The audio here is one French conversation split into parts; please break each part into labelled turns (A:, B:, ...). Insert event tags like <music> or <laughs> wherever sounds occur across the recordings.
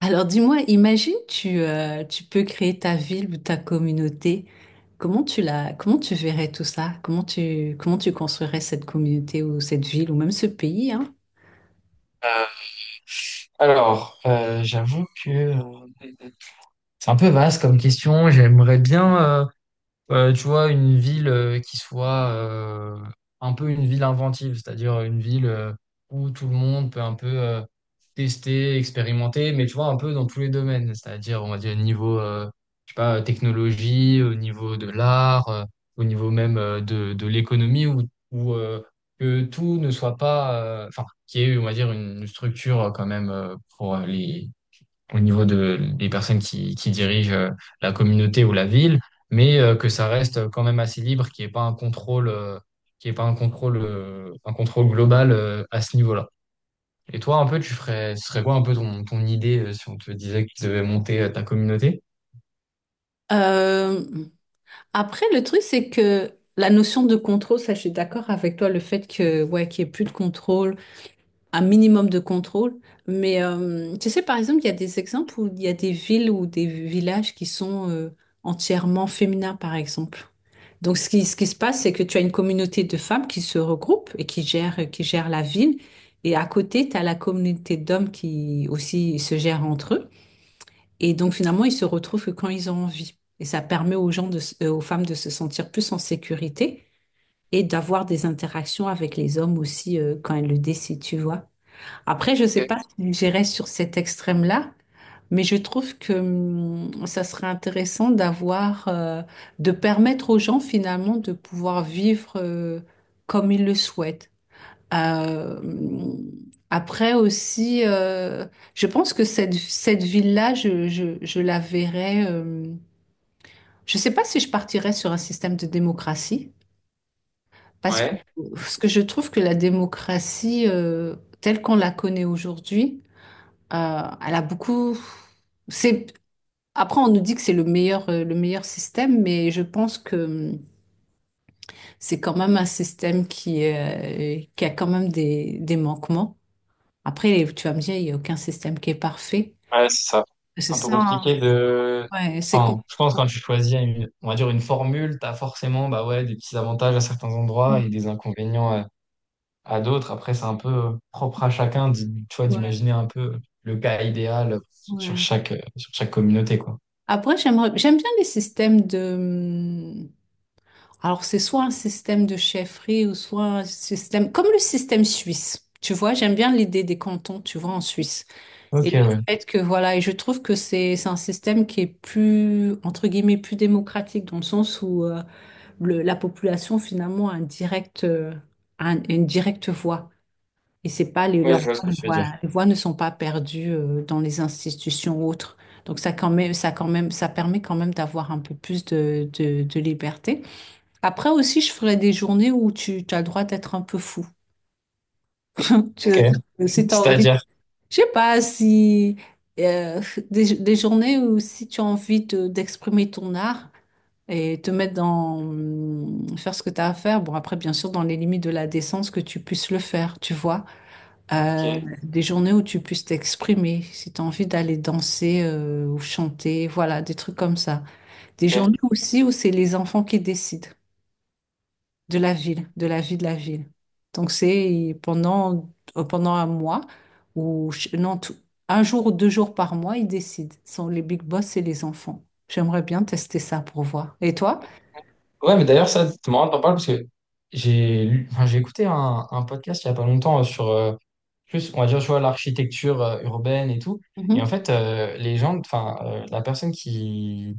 A: Alors dis-moi, imagine tu, tu peux créer ta ville ou ta communauté. Comment tu la, comment tu verrais tout ça? Comment tu construirais cette communauté ou cette ville ou même ce pays, hein?
B: Euh, j'avoue que c'est un peu vaste comme question. J'aimerais bien, tu vois, une ville qui soit un peu une ville inventive, c'est-à-dire une ville où tout le monde peut un peu tester, expérimenter, mais tu vois, un peu dans tous les domaines, c'est-à-dire, on va dire, niveau, je sais pas, technologie, au niveau de l'art, au niveau même de l'économie, où, où que tout ne soit pas, enfin, qu'il y ait, on va dire, une structure quand même pour les au niveau de, des personnes qui dirigent la communauté ou la ville, mais que ça reste quand même assez libre, qu'il n'y ait pas un contrôle, qu'il y ait pas un contrôle, un contrôle global à ce niveau-là. Et toi, un peu, tu ferais, ce serait quoi un peu ton, ton idée, si on te disait que tu devais monter ta communauté?
A: Euh, Après, le truc, c'est que la notion de contrôle, ça, je suis d'accord avec toi, le fait que, ouais, qu'il n'y ait plus de contrôle, un minimum de contrôle. Mais tu sais, par exemple, il y a des exemples où il y a des villes ou des villages qui sont entièrement féminins, par exemple. Donc, ce qui se passe, c'est que tu as une communauté de femmes qui se regroupent et qui gèrent la ville. Et à côté, tu as la communauté d'hommes qui aussi se gèrent entre eux. Et donc finalement, ils se retrouvent que quand ils ont envie. Et ça permet aux gens de, aux femmes de se sentir plus en sécurité et d'avoir des interactions avec les hommes aussi quand elles le décident, tu vois. Après, je ne sais pas
B: Ok.
A: si j'irai sur cet extrême-là, mais je trouve que ça serait intéressant d'avoir, de permettre aux gens finalement de pouvoir vivre comme ils le souhaitent. Euh, après aussi, je pense que cette ville-là, je la verrais. Je ne sais pas si je partirais sur un système de démocratie, parce que,
B: Ouais,
A: parce que je trouve que la démocratie, telle qu'on la connaît aujourd'hui, elle a beaucoup. C'est, après, on nous dit que c'est le meilleur système, mais je pense que c'est quand même un système qui a quand même des manquements. Après, tu vas me dire, il n'y a aucun système qui est parfait.
B: ouais, c'est ça.
A: C'est
B: Un peu
A: ça, hein.
B: compliqué de.
A: Ouais, c'est
B: Enfin,
A: compliqué.
B: je pense que quand tu choisis une, on va dire une formule, tu as forcément bah ouais, des petits avantages à certains endroits et des inconvénients à d'autres. Après, c'est un peu propre à chacun, tu vois,
A: Ouais,
B: d'imaginer un peu le cas idéal
A: ouais.
B: sur chaque communauté, quoi.
A: Après, j'aimerais, j'aime bien les systèmes de... Alors, c'est soit un système de chefferie ou soit un système... Comme le système suisse. Tu vois, j'aime bien l'idée des cantons, tu vois, en Suisse. Et
B: Ok,
A: le
B: ouais.
A: fait que, voilà, et je trouve que c'est un système qui est plus, entre guillemets, plus démocratique, dans le sens où la population, finalement, a un direct, une directe voix. Et c'est pas les,
B: Ouais,
A: leurs
B: je
A: voix,
B: vois ce que tu veux dire.
A: voilà, les voix ne sont pas perdues dans les institutions autres. Donc ça quand même, ça quand même, ça permet quand même d'avoir un peu plus de liberté. Après aussi, je ferai des journées où tu as le droit d'être un peu fou. <laughs> Tu-
B: Ok.
A: Si
B: <laughs>
A: tu as envie,
B: C'est-à-dire.
A: je sais pas si euh, des journées où si tu as envie d'exprimer ton art et te mettre dans faire ce que tu as à faire. Bon après, bien sûr, dans les limites de la décence que tu puisses le faire, tu vois.
B: Ok,
A: Euh, des journées où tu puisses t'exprimer, si tu as envie d'aller danser ou chanter, voilà, des trucs comme ça. Des
B: ok.
A: journées aussi où c'est les enfants qui décident de la ville, de la vie de la ville. Donc c'est pendant, pendant un mois ou ch- non, tout- un jour ou deux jours par mois, ils décident. Ce sont les big boss et les enfants. J'aimerais bien tester ça pour voir. Et toi?
B: Ouais, mais d'ailleurs, ça, c'est marrant de t'en parler parce que j'ai écouté un podcast il y a pas longtemps sur, plus, on va dire, je vois l'architecture urbaine et tout. Et en
A: Mhm,
B: fait, les gens, la personne qui,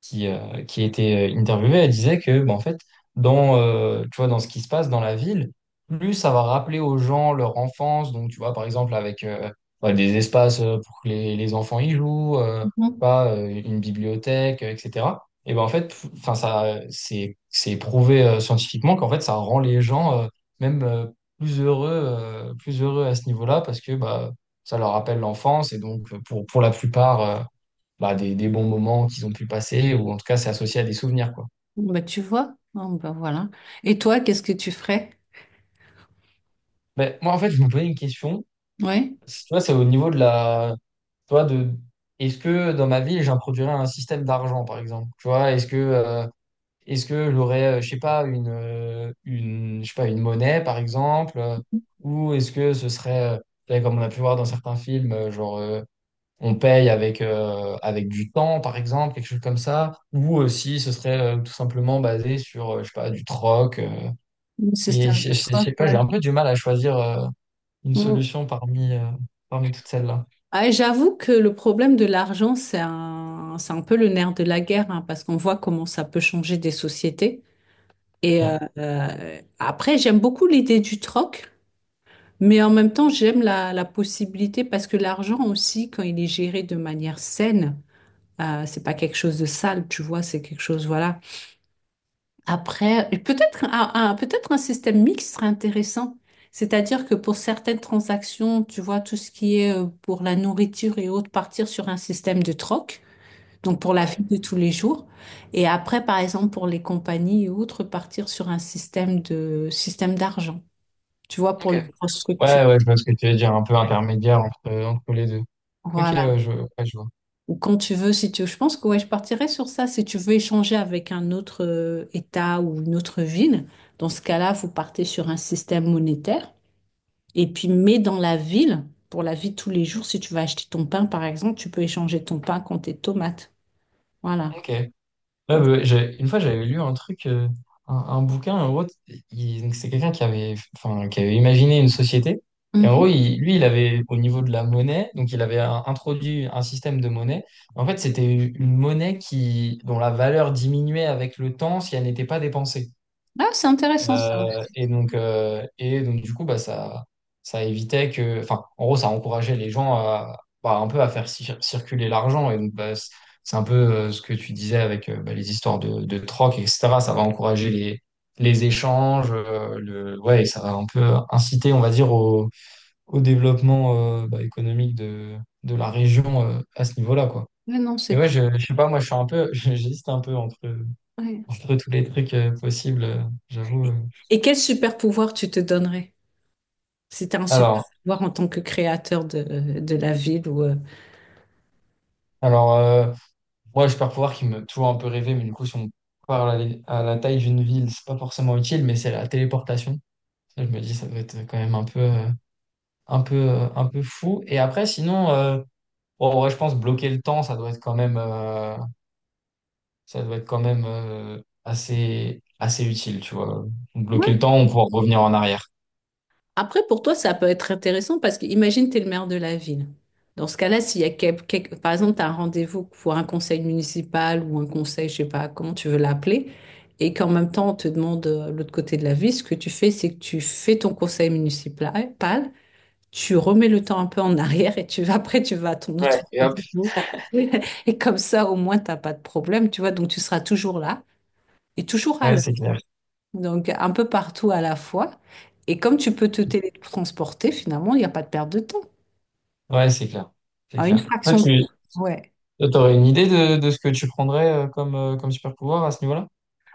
B: qui, euh, qui était interviewée, elle disait que, bah, en fait, dans, tu vois, dans ce qui se passe dans la ville, plus ça va rappeler aux gens leur enfance. Donc, tu vois, par exemple, avec bah, des espaces pour que les enfants y jouent,
A: mhm.
B: pas une bibliothèque, etc. Et ben en fait, enfin, ça, c'est prouvé scientifiquement qu'en fait, ça rend les gens même plus plus heureux à ce niveau-là parce que bah, ça leur rappelle l'enfance. Et donc, pour la plupart, bah, des bons moments qu'ils ont pu passer, ou en tout cas, c'est associé à des souvenirs, quoi.
A: Bah, tu vois, oh, bah, voilà. Et toi, qu'est-ce que tu ferais?
B: Mais moi, en fait, je me posais une question.
A: Ouais,
B: Si tu vois, c'est au niveau de la. Tu vois, de. Est-ce que dans ma vie, j'introduirais un système d'argent, par exemple? Tu vois, est-ce que. Est-ce que j'aurais, je sais pas, une, je sais pas, une monnaie, par exemple, ou est-ce que ce serait, tu sais, comme on a pu voir dans certains films, on paye avec, avec du temps, par exemple, quelque chose comme ça, ou si ce serait tout simplement basé sur, je sais pas, du troc,
A: le
B: et
A: système de
B: je
A: preuve,
B: sais pas, j'ai un peu du mal à choisir une
A: ouais.
B: solution parmi, parmi toutes celles-là.
A: Ah, j'avoue que le problème de l'argent, c'est un peu le nerf de la guerre, hein, parce qu'on voit comment ça peut changer des sociétés. Et
B: Ouais.
A: après, j'aime beaucoup l'idée du troc, mais en même temps, j'aime la possibilité, parce que l'argent aussi, quand il est géré de manière saine, c'est pas quelque chose de sale, tu vois, c'est quelque chose, voilà. Après, et peut-être un système mixte serait intéressant. C'est-à-dire que pour certaines transactions, tu vois, tout ce qui est pour la nourriture et autres, partir sur un système de troc. Donc pour la
B: Ouais.
A: vie de tous les jours. Et après, par exemple, pour les compagnies et autres, partir sur un système de système d'argent. Tu vois, pour
B: Ok.
A: les grosses structures.
B: Ouais, ouais, je vois ce que tu veux dire, un peu intermédiaire entre, entre les deux. Ok,
A: Voilà.
B: ouais, je vois.
A: Ou quand tu veux, si tu veux. Je pense que ouais, je partirais sur ça. Si tu veux échanger avec un autre État ou une autre ville, dans ce cas-là, vous partez sur un système monétaire. Et puis, mais dans la ville, pour la vie de tous les jours, si tu vas acheter ton pain, par exemple, tu peux échanger ton pain contre tes tomates. Voilà.
B: Ok. Ouais,
A: Donc,
B: une fois, j'avais lu un truc, un bouquin, en gros, donc c'est quelqu'un qui avait, enfin, qui avait imaginé une société. Et en gros,
A: mhm.
B: lui, il avait, au niveau de la monnaie, donc il avait introduit un système de monnaie. En fait, c'était une monnaie qui, dont la valeur diminuait avec le temps si elle n'était pas dépensée.
A: Ah, c'est intéressant ça aussi.
B: Et donc du coup, bah, ça évitait que, enfin, en gros, ça encourageait les gens à, bah, un peu à faire circuler l'argent. Et donc, bah, c'est un peu ce que tu disais avec bah, les histoires de troc, etc. Ça va encourager les échanges, ouais, et ça va un peu inciter, on va dire, au, au développement bah, économique de la région à ce niveau-là, quoi.
A: Mais non,
B: Et
A: c'est
B: ouais,
A: clair.
B: je sais pas, moi, je suis un peu, <laughs> j'hésite un peu entre,
A: Ouais.
B: entre tous les trucs possibles, j'avoue.
A: Et quel super pouvoir tu te donnerais si tu as un super
B: Alors,
A: pouvoir en tant que créateur de la ville ou
B: Alors, euh, moi, j'ai super pouvoir qui me toujours un peu rêver, mais du coup, si on parle à la taille d'une ville, c'est pas forcément utile, mais c'est la téléportation. Ça, je me dis, ça doit être quand même un un un peu fou. Et après, sinon, bon, en vrai, je pense bloquer le temps, ça doit être quand ça doit être quand même assez, assez utile, tu vois.
A: Ouais.
B: Bloquer le temps, on pourra revenir en arrière.
A: Après, pour toi, ça peut être intéressant parce que imagine, tu es le maire de la ville. Dans ce cas-là, s'il y a par exemple, tu as un rendez-vous pour un conseil municipal ou un conseil, je sais pas comment tu veux l'appeler, et qu'en même temps, on te demande l'autre côté de la ville, ce que tu fais, c'est que tu fais ton conseil municipal, tu remets le temps un peu en arrière, et tu vas, après tu vas à ton
B: Ouais,
A: autre
B: et hop.
A: rendez-vous. <laughs> Et comme ça au moins t'as pas de problème, tu vois, donc tu seras toujours là et toujours à
B: Ouais,
A: l'heure,
B: c'est clair.
A: donc un peu partout à la fois, et comme tu peux te télétransporter finalement, il n'y a pas de perte de temps,
B: Ouais, c'est clair. C'est
A: à une
B: clair. Toi,
A: fraction de...
B: tu
A: temps. Ouais,
B: aurais une idée de ce que tu prendrais comme, comme super pouvoir à ce niveau-là?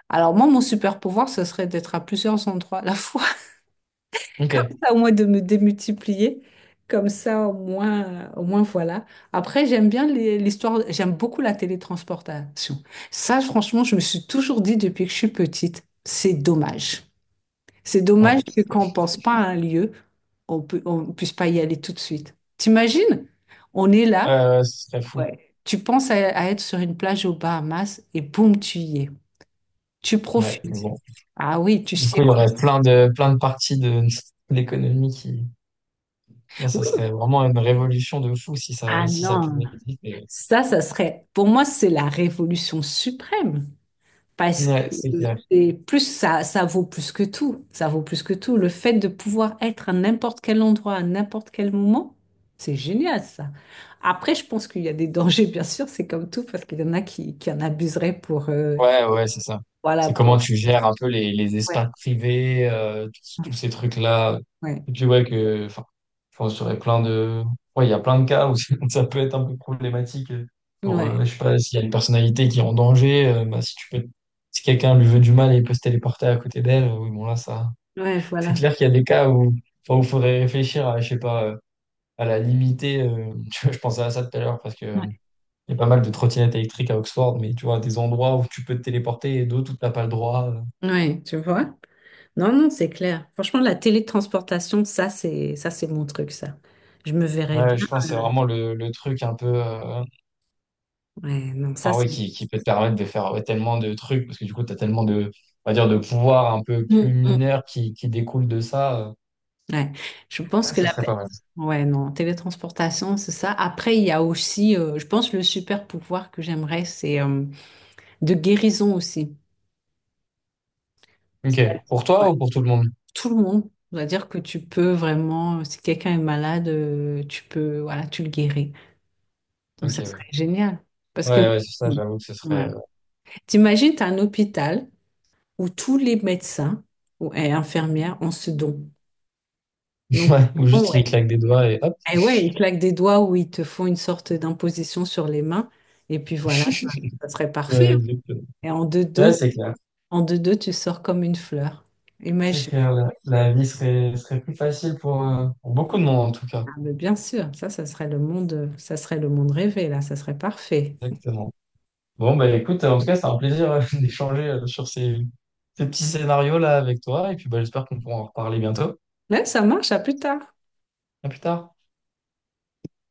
A: alors moi mon super pouvoir ce serait d'être à plusieurs endroits à la fois.
B: Ok.
A: Comme ça, au moins de me démultiplier. Comme ça, au moins voilà. Après, j'aime bien l'histoire, j'aime beaucoup la télétransportation. Ça, franchement, je me suis toujours dit depuis que je suis petite, c'est dommage. C'est dommage
B: Ouais,
A: que quand on pense pas à un lieu, on puisse pas y aller tout de suite. T'imagines? On est là,
B: ce serait fou.
A: ouais, tu penses à être sur une plage aux Bahamas et boum, tu y es. Tu
B: Ouais, mais
A: profites.
B: bon.
A: Ah oui, tu
B: Du coup, il y
A: sirotes.
B: aurait plein de parties de <laughs> l'économie qui. Là, ça
A: Oui.
B: serait vraiment une révolution de fou si
A: Ah
B: ça
A: non.
B: pouvait exister.
A: Ça serait, pour moi, c'est la révolution suprême. Parce que
B: Ouais, c'est clair.
A: c'est plus ça, ça vaut plus que tout. Ça vaut plus que tout. Le fait de pouvoir être à n'importe quel endroit, à n'importe quel moment, c'est génial, ça. Après, je pense qu'il y a des dangers, bien sûr, c'est comme tout, parce qu'il y en a qui en abuseraient pour,
B: Ouais, ouais, c'est ça.
A: voilà,
B: C'est
A: pour,
B: comment tu gères un peu les
A: ouais,
B: espaces privés, tous tous ces trucs-là.
A: ouais,
B: Et puis, ouais, que, enfin, je pense qu'il y aurait plein de, ouais, il y a plein de cas où <laughs> ça peut être un peu problématique. Pour,
A: ouais,
B: je sais pas, s'il y a une personnalité qui est en danger, bah, si tu peux, si quelqu'un lui veut du mal et il peut se téléporter à côté d'elle, oui, bon, là, ça,
A: ouais,
B: c'est
A: voilà.
B: clair qu'il y a des cas où, enfin, où faudrait réfléchir à, je sais pas, à la limiter, <laughs> tu vois, je pensais à ça tout à l'heure parce que,
A: Ouais.
B: il y a pas mal de trottinettes électriques à Oxford, mais tu vois, des endroits où tu peux te téléporter et d'autres où t'as pas le droit.
A: Ouais, tu vois? Non, non, c'est clair. Franchement, la télétransportation, ça, c'est mon truc, ça. Je me verrais
B: Ouais,
A: bien.
B: je pense que c'est vraiment le truc un peu,
A: Ouais, non, ça
B: enfin ouais,
A: c'est.
B: qui peut te permettre de faire ouais, tellement de trucs, parce que du coup, t'as tellement de, on va dire, de pouvoirs un peu plus
A: Mm, mm.
B: mineurs qui découlent de ça.
A: Ouais. Je pense
B: Ouais,
A: que
B: ça
A: la.
B: serait pas mal.
A: Ouais, non, télétransportation, c'est ça. Après, il y a aussi, je pense, le super pouvoir que j'aimerais, c'est de guérison aussi.
B: Ok.
A: C'est-à-dire,
B: Pour
A: ouais,
B: toi ou pour tout le monde?
A: tout le monde. C'est-à-dire que tu peux vraiment, si quelqu'un est malade, tu peux, voilà, tu le guéris. Donc,
B: Ok,
A: ça
B: ouais.
A: serait génial. Parce que,
B: Ouais, ouais, c'est ça,
A: mm.
B: j'avoue que ce serait.
A: Ouais. T'imagines, tu as un hôpital où tous les médecins ou, et infirmières ont ce don.
B: <laughs>
A: Donc,
B: Ouais, ou juste il
A: ouais.
B: claque des doigts et hop.
A: Eh ouais, ils claquent des doigts où ils te font une sorte d'imposition sur les mains. Et puis voilà, ça
B: <laughs>
A: serait parfait.
B: Ouais,
A: Hein.
B: exactement.
A: Et
B: Ouais, c'est clair.
A: en deux-deux, tu sors comme une fleur.
B: C'est
A: Imagine.
B: clair, la vie serait, serait plus facile pour beaucoup de monde en tout cas.
A: Ah, mais bien sûr, ça serait le monde, ça serait le monde rêvé, là, ça serait parfait.
B: Exactement. Bon, bah écoute, en tout cas, c'est un plaisir <laughs> d'échanger sur ces, ces petits scénarios-là avec toi. Et puis, bah, j'espère qu'on pourra en reparler bientôt.
A: Là, ça marche, à plus tard.
B: À plus tard.